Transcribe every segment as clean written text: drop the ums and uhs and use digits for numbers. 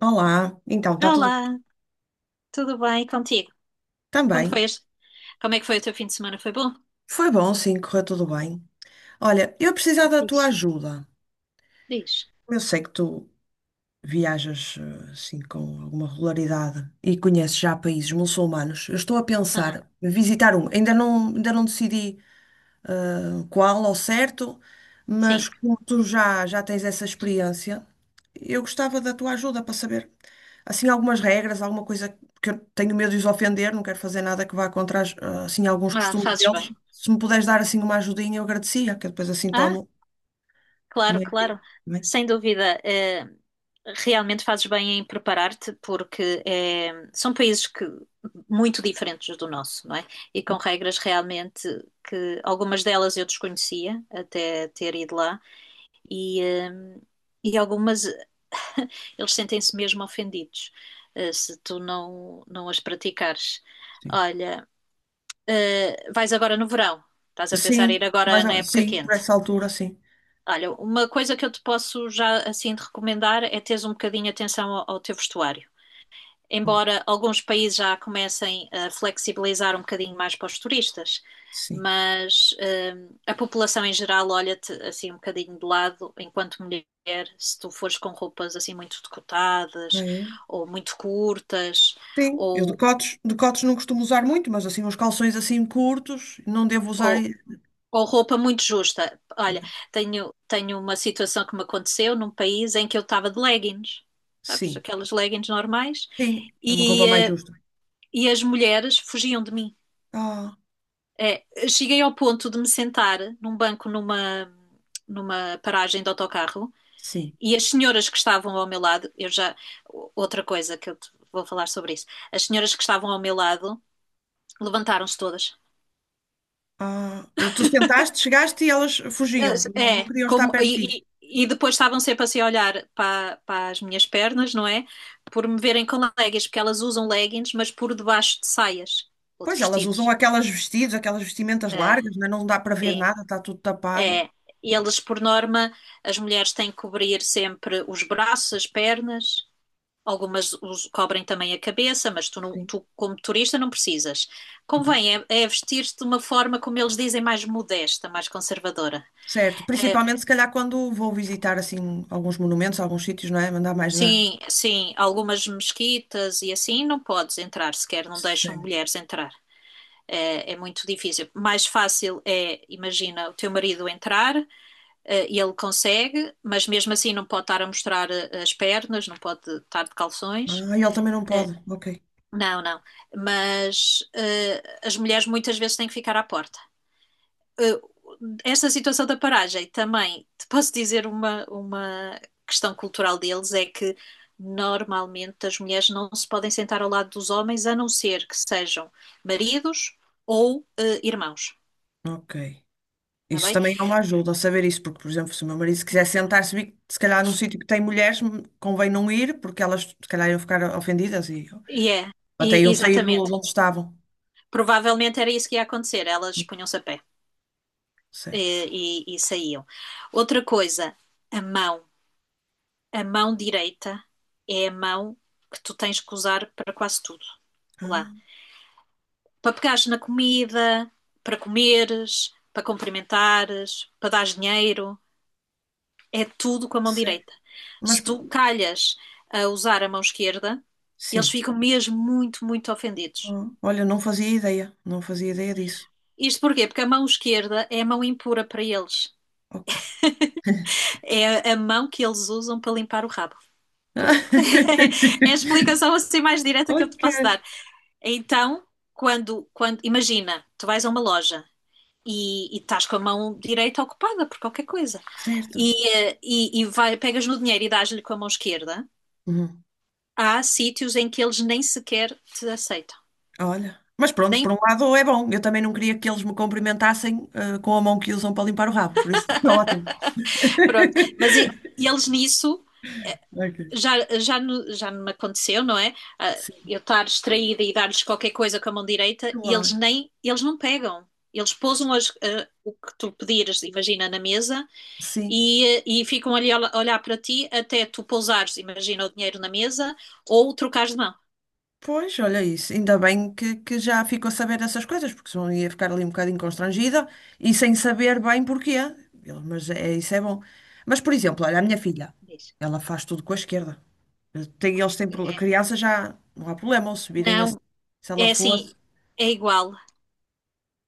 Olá, então está tudo Olá, tudo bem? E contigo? Como também. fez? Como é que foi o teu fim de semana? Foi bom? Foi bom, sim, correu tudo bem. Olha, eu precisava da tua Diz, ajuda. diz. Eu sei que tu viajas assim com alguma regularidade e conheces já países muçulmanos. Eu estou a Aham. pensar em visitar um. Ainda não decidi qual ao certo, Sim. mas como tu já tens essa experiência, eu gostava da tua ajuda para saber, assim, algumas regras, alguma coisa que eu tenho medo de os ofender, não quero fazer nada que vá contra, as, assim, alguns Ah, costumes fazes bem. deles. Se me puderes dar, assim, uma ajudinha, eu agradecia, que eu depois assim Ah, tomo claro, uma ideia. claro. Tá bem? Sem dúvida, realmente fazes bem em preparar-te, porque são países que muito diferentes do nosso, não é? E com regras realmente que algumas delas eu desconhecia até ter ido lá e, eh, e algumas. Eles sentem-se mesmo ofendidos, se tu não as praticares. Sim. Olha, vais agora no verão, estás a pensar em ir Sim, agora mas, na época sim, por quente. essa altura, sim. Olha, uma coisa que eu te posso já assim te recomendar é teres um bocadinho atenção ao teu vestuário, Hum, embora alguns países já comecem a flexibilizar um bocadinho mais para os turistas, sim. mas a população em geral olha-te assim um bocadinho de lado enquanto mulher, se tu fores com roupas assim muito Ah, decotadas é? ou muito curtas Sim, eu ou, decotes, decotes não costumo usar muito, mas assim, uns calções assim curtos, não devo usar. ou, ou roupa muito justa. Ok. Olha, tenho uma situação que me aconteceu num país em que eu estava de leggings, sabes, Sim, aquelas leggings normais, sim, é uma e, roupa mais eh, justa. e as mulheres fugiam de mim. Ah, É, cheguei ao ponto de me sentar num banco numa paragem de autocarro sim. e as senhoras que estavam ao meu lado, eu já. Outra coisa que eu te vou falar sobre isso. As senhoras que estavam ao meu lado levantaram-se todas. Ah, tu sentaste, chegaste e elas fugiam, não, não É, queriam estar como, perto de ti. e depois estavam sempre assim a olhar para as minhas pernas, não é? Por me verem com leggings, porque elas usam leggings, mas por debaixo de saias ou de Pois elas usam vestidos. aquelas vestidos, aquelas vestimentas É. largas, né? Não dá para ver nada, está tudo tapado. É. E elas, por norma, as mulheres têm que cobrir sempre os braços, as pernas, algumas cobrem também a cabeça, mas tu, não- Sim, tu, como turista, não precisas. ok. Convém é vestir-te de uma forma, como eles dizem, mais modesta, mais conservadora. Certo, principalmente se calhar quando vou visitar assim alguns monumentos, alguns sítios, não é? Mandar mais na. Sim, sim, algumas mesquitas e assim não podes entrar sequer, não deixam Certo. mulheres entrar. É, é muito difícil. Mais fácil é, imagina, o teu marido entrar. E ele consegue, mas mesmo assim não pode estar a mostrar, as pernas, não pode estar de calções. Ah, ele também não pode. Ok, Não, não. Mas as mulheres muitas vezes têm que ficar à porta. Eh, esta situação da paragem, também te posso dizer, uma questão cultural deles é que normalmente as mulheres não se podem sentar ao lado dos homens a não ser que sejam maridos ou irmãos, ok. está Isso bem? também é uma ajuda, saber isso, porque, por exemplo, se o meu marido se quiser sentar-se, se calhar num sítio que tem mulheres, convém não ir, porque elas se calhar iam ficar ofendidas e E é, até iam sair do, exatamente. de onde estavam. Provavelmente era isso que ia acontecer, elas punham-se a pé. Certo. E saíam. Outra coisa, a mão. A mão direita é a mão que tu tens que usar para quase tudo. Lá. Ah, Para pegares na comida, para comeres, para cumprimentares, para dar dinheiro, é tudo com a mão sério. direita. Mas Se tu calhas a usar a mão esquerda, eles sim. ficam mesmo muito, muito ofendidos. Ah, olha, não fazia ideia, não fazia ideia disso. Isto porquê? Porque a mão esquerda é a mão impura para eles. Ok. É a mão que eles usam para limpar o rabo. Pronto. É a explicação assim mais direta que eu te posso Ok. dar. Então, quando imagina, tu vais a uma loja e estás com a mão direita ocupada por qualquer coisa Certo. e vai, pegas no dinheiro e dás-lhe com a mão esquerda, Uhum. há sítios em que eles nem sequer te aceitam. Olha. Mas pronto, Nem, por um lado é bom. Eu também não queria que eles me cumprimentassem, com a mão que usam para limpar o rabo, por isso está ótimo. pronto. Mas e eles, nisso Ok. já, já, já me aconteceu, não é? Ah, Sim, eu estar distraída e dar-lhes qualquer coisa com a mão direita e claro. Eles não pegam. Eles pousam o que tu pedires, imagina, na mesa Sim. e ficam ali a olhar para ti até tu pousares, imagina, o dinheiro na mesa ou trocares de mão. Pois, olha isso. Ainda bem que já ficou a saber dessas coisas, porque senão ia ficar ali um bocadinho constrangida e sem saber bem porquê. Eu, mas é, isso é bom. Mas, por exemplo, olha, a É, minha filha, diz. ela faz tudo com a esquerda. Tem, eles têm, a É. criança já não há problema ou subirem Não, assim. Se ela é assim, fosse. é igual,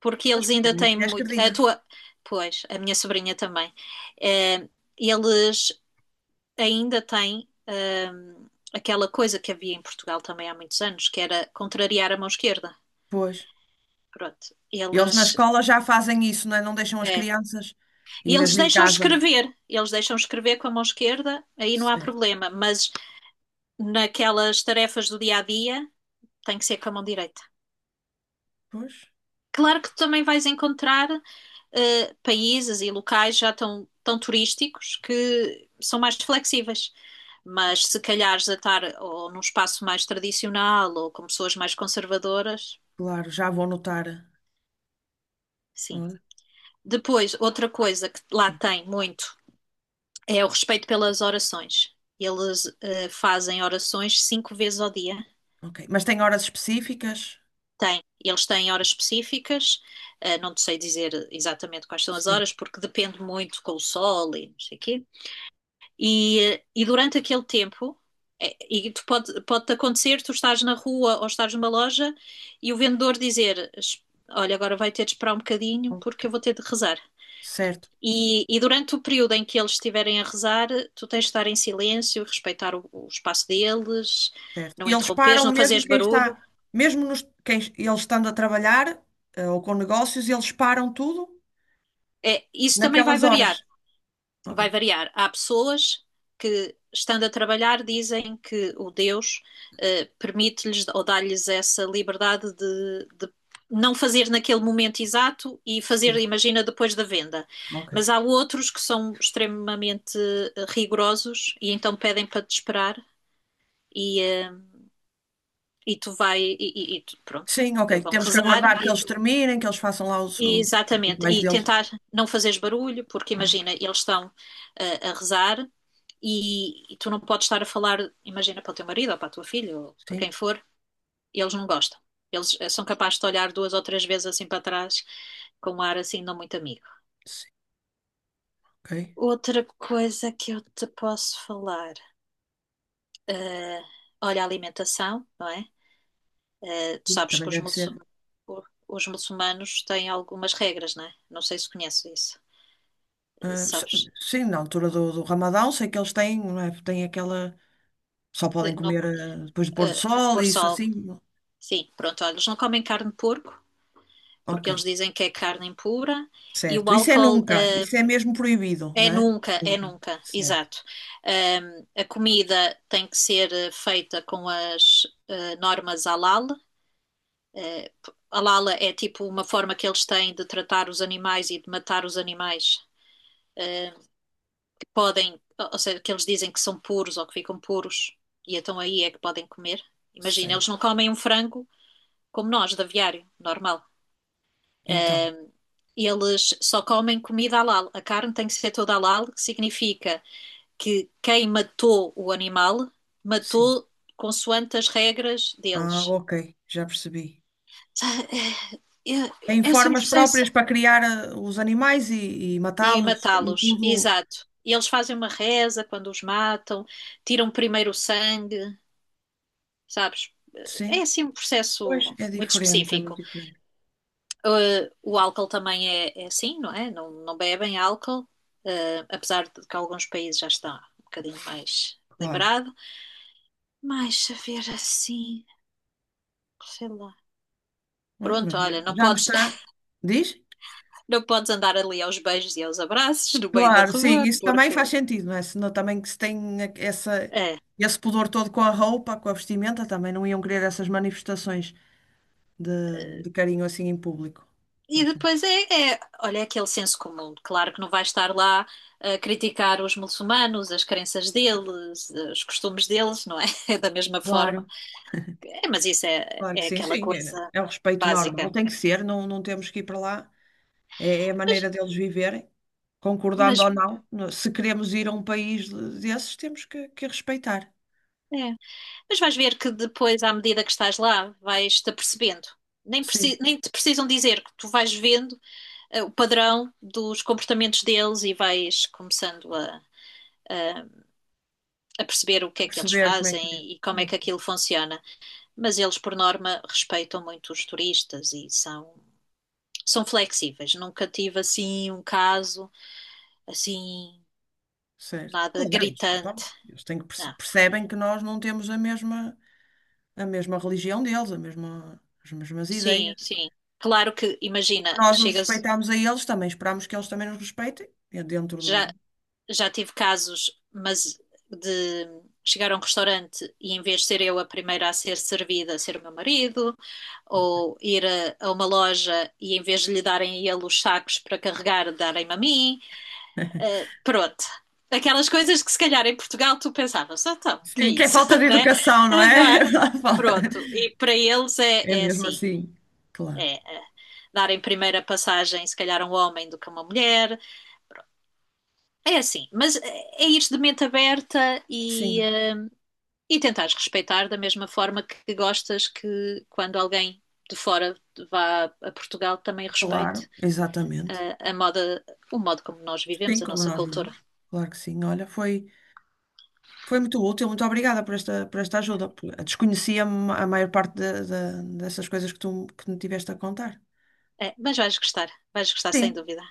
porque Pois, eles porque a ainda minha têm filha é muito. A esquerdina. tua, pois, a minha sobrinha também. Eh, eles ainda tem aquela coisa que havia em Portugal também há muitos anos, que era contrariar a mão esquerda. Pois. Pronto, E eles na escola já fazem isso, não é? Não deixam as é. crianças E e mesmo em casa. Eles deixam escrever com a mão esquerda, aí não há Certo. problema, mas naquelas tarefas do dia a dia tem que ser com a mão direita. Pois, Claro que tu também vais encontrar países e locais já tão, tão turísticos que são mais flexíveis. Mas se calhar a estar ou num espaço mais tradicional ou com pessoas mais conservadoras, claro, já vou notar. sim. Olha, Depois, outra coisa que lá sim. tem muito é o respeito pelas orações. Eles, fazem orações 5 vezes ao dia. Ok. Mas tem horas específicas? Tem. Eles têm horas específicas, não te sei dizer exatamente quais são as Sim. horas, porque depende muito com o sol e não sei o quê. E durante aquele tempo, é, e tu pode acontecer, tu estás na rua ou estás numa loja e o vendedor dizer: Olha, agora vai ter de esperar um bocadinho Ok. porque eu vou ter de rezar." Certo, E durante o período em que eles estiverem a rezar, tu tens de estar em silêncio, respeitar o espaço deles, certo. não E eles interromperes, param não mesmo fazeres quem está, barulho. mesmo nos, quem, eles estando a trabalhar, ou com negócios, eles param tudo É, isso também vai naquelas variar. horas. Ok. Vai variar. Há pessoas que, estando a trabalhar, dizem que o Deus, permite-lhes ou dá-lhes essa liberdade de não fazer naquele momento exato e fazer, Sim, imagina, depois da venda. ok. Mas há outros que são extremamente, rigorosos, e então pedem para te esperar e, eh, e tu vai e pronto. Sim, ok. Eles vão Temos que rezar aguardar que e eles tu. terminem, que eles façam lá os Exatamente, rituais e deles. tentar não fazeres barulho, porque imagina, eles estão, a rezar e tu não podes estar a falar, imagina, para o teu marido ou para a tua filha ou para Sim, quem for, eles não gostam. Eles, são capazes de olhar duas ou três vezes assim para trás, com um ar assim não muito amigo. sim, ok. Outra coisa que eu te posso falar, eh, olha, a alimentação, não é? Tu sabes Também que os deve muçulmanos, ser. os muçulmanos têm algumas regras, não é? Não sei se conheces isso. Ah, s- Sabes? sim, na altura do, do Ramadão, sei que eles têm, não é? Têm aquela. Só podem Não, comer depois do pôr do sol pôr e isso sol. assim. Sim, pronto, olha, eles não comem carne de porco, Ok, porque eles dizem que é carne impura, e certo. o Isso é álcool, nunca. Isso é mesmo proibido, não é? É Nunca. nunca, Certo. exato. A comida tem que ser, feita com as, normas halal. Uh, halal é tipo uma forma que eles têm de tratar os animais e de matar os animais uh, que podem, ou seja, que eles dizem que são puros ou que ficam puros e então aí é que podem comer. Imagina, eles Certo. não comem um frango como nós, de aviário, normal. Então, Eles só comem comida halal. A carne tem que ser toda halal, que significa que quem matou o animal sim. matou consoante as regras Ah, deles. ok. Já percebi. Tem É, é assim um formas processo. próprias para criar os animais e E matá-los e matá-los, tudo. exato. E eles fazem uma reza quando os matam, tiram primeiro o sangue, sabes? Sim. É assim um Pois processo é muito diferente, é muito específico. diferente. O álcool também é, é assim, não é? Não, não bebem álcool, apesar de que alguns países já está um bocadinho mais Claro. liberado. Mais saber assim, sei lá. Ah, Pronto, mas já olha, não já me podes, está. Diz? não podes andar ali aos beijos e aos abraços no meio da Claro, sim, rua, isso também faz porque sentido, não é? Senão também que se tem essa, é. esse pudor todo com a roupa, com a vestimenta, também não iam querer essas manifestações de carinho assim em público. E Poxa. depois olha, é aquele senso comum. Claro que não vais estar lá a criticar os muçulmanos, as crenças deles, os costumes deles, não é? É da mesma forma. Claro. É, mas isso é, Claro que é sim, aquela sim. É, coisa é o respeito normal, básica. tem que ser, não, não temos que ir para lá. É, é a Mas, maneira deles viverem, mas, concordando ou não. Se queremos ir a um país desses, temos que respeitar. é. Mas vais ver que depois, à medida que estás lá, vais-te apercebendo. Nem, Sim, preci- nem te precisam dizer, que tu vais vendo o padrão dos comportamentos deles e vais começando a- a perceber o que a é que eles perceber como é que é. fazem e como é Hum, que aquilo funciona. Mas eles, por norma, respeitam muito os turistas e são flexíveis. Nunca tive assim um caso assim, certo. nada Claro, eles, gritante. então, eles têm que Não. percebem que nós não temos a mesma religião deles, a mesma, as mesmas Sim, ideias. sim. Claro que, imagina, Nós os chegas. respeitamos a eles, também esperamos que eles também nos respeitem, é dentro Já, do, já tive casos, mas de chegar a um restaurante e em vez de ser eu a primeira a ser servida, ser o meu marido, ou ir a uma loja e em vez de lhe darem a ele os sacos para carregar, darem-me a mim, pronto. Aquelas coisas que se calhar em Portugal tu pensavas, ah, então, que é sim, que é isso, falta de né? educação, não Não é? é? Falta- Pronto, e para eles é, É é mesmo assim, assim, claro. é darem primeira passagem, se calhar, a um homem do que a uma mulher, é assim, mas é é ir de mente aberta Sim, hum, e tentares respeitar da mesma forma que gostas que quando alguém de fora vá a Portugal também claro, respeite exatamente. A, moda, o modo como nós vivemos, Sim, a como nossa nós cultura. vivemos. Claro que sim. Olha, foi, foi muito útil, muito obrigada por esta ajuda. Desconhecia a maior parte dessas coisas que tu que me tiveste a contar. É, mas vais gostar sem Sim, dúvida.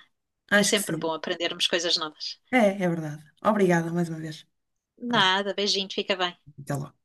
É acho que sempre sim. bom aprendermos coisas novas. É, é verdade. Obrigada mais uma vez. Ah, Nada, beijinho, fica bem. até logo.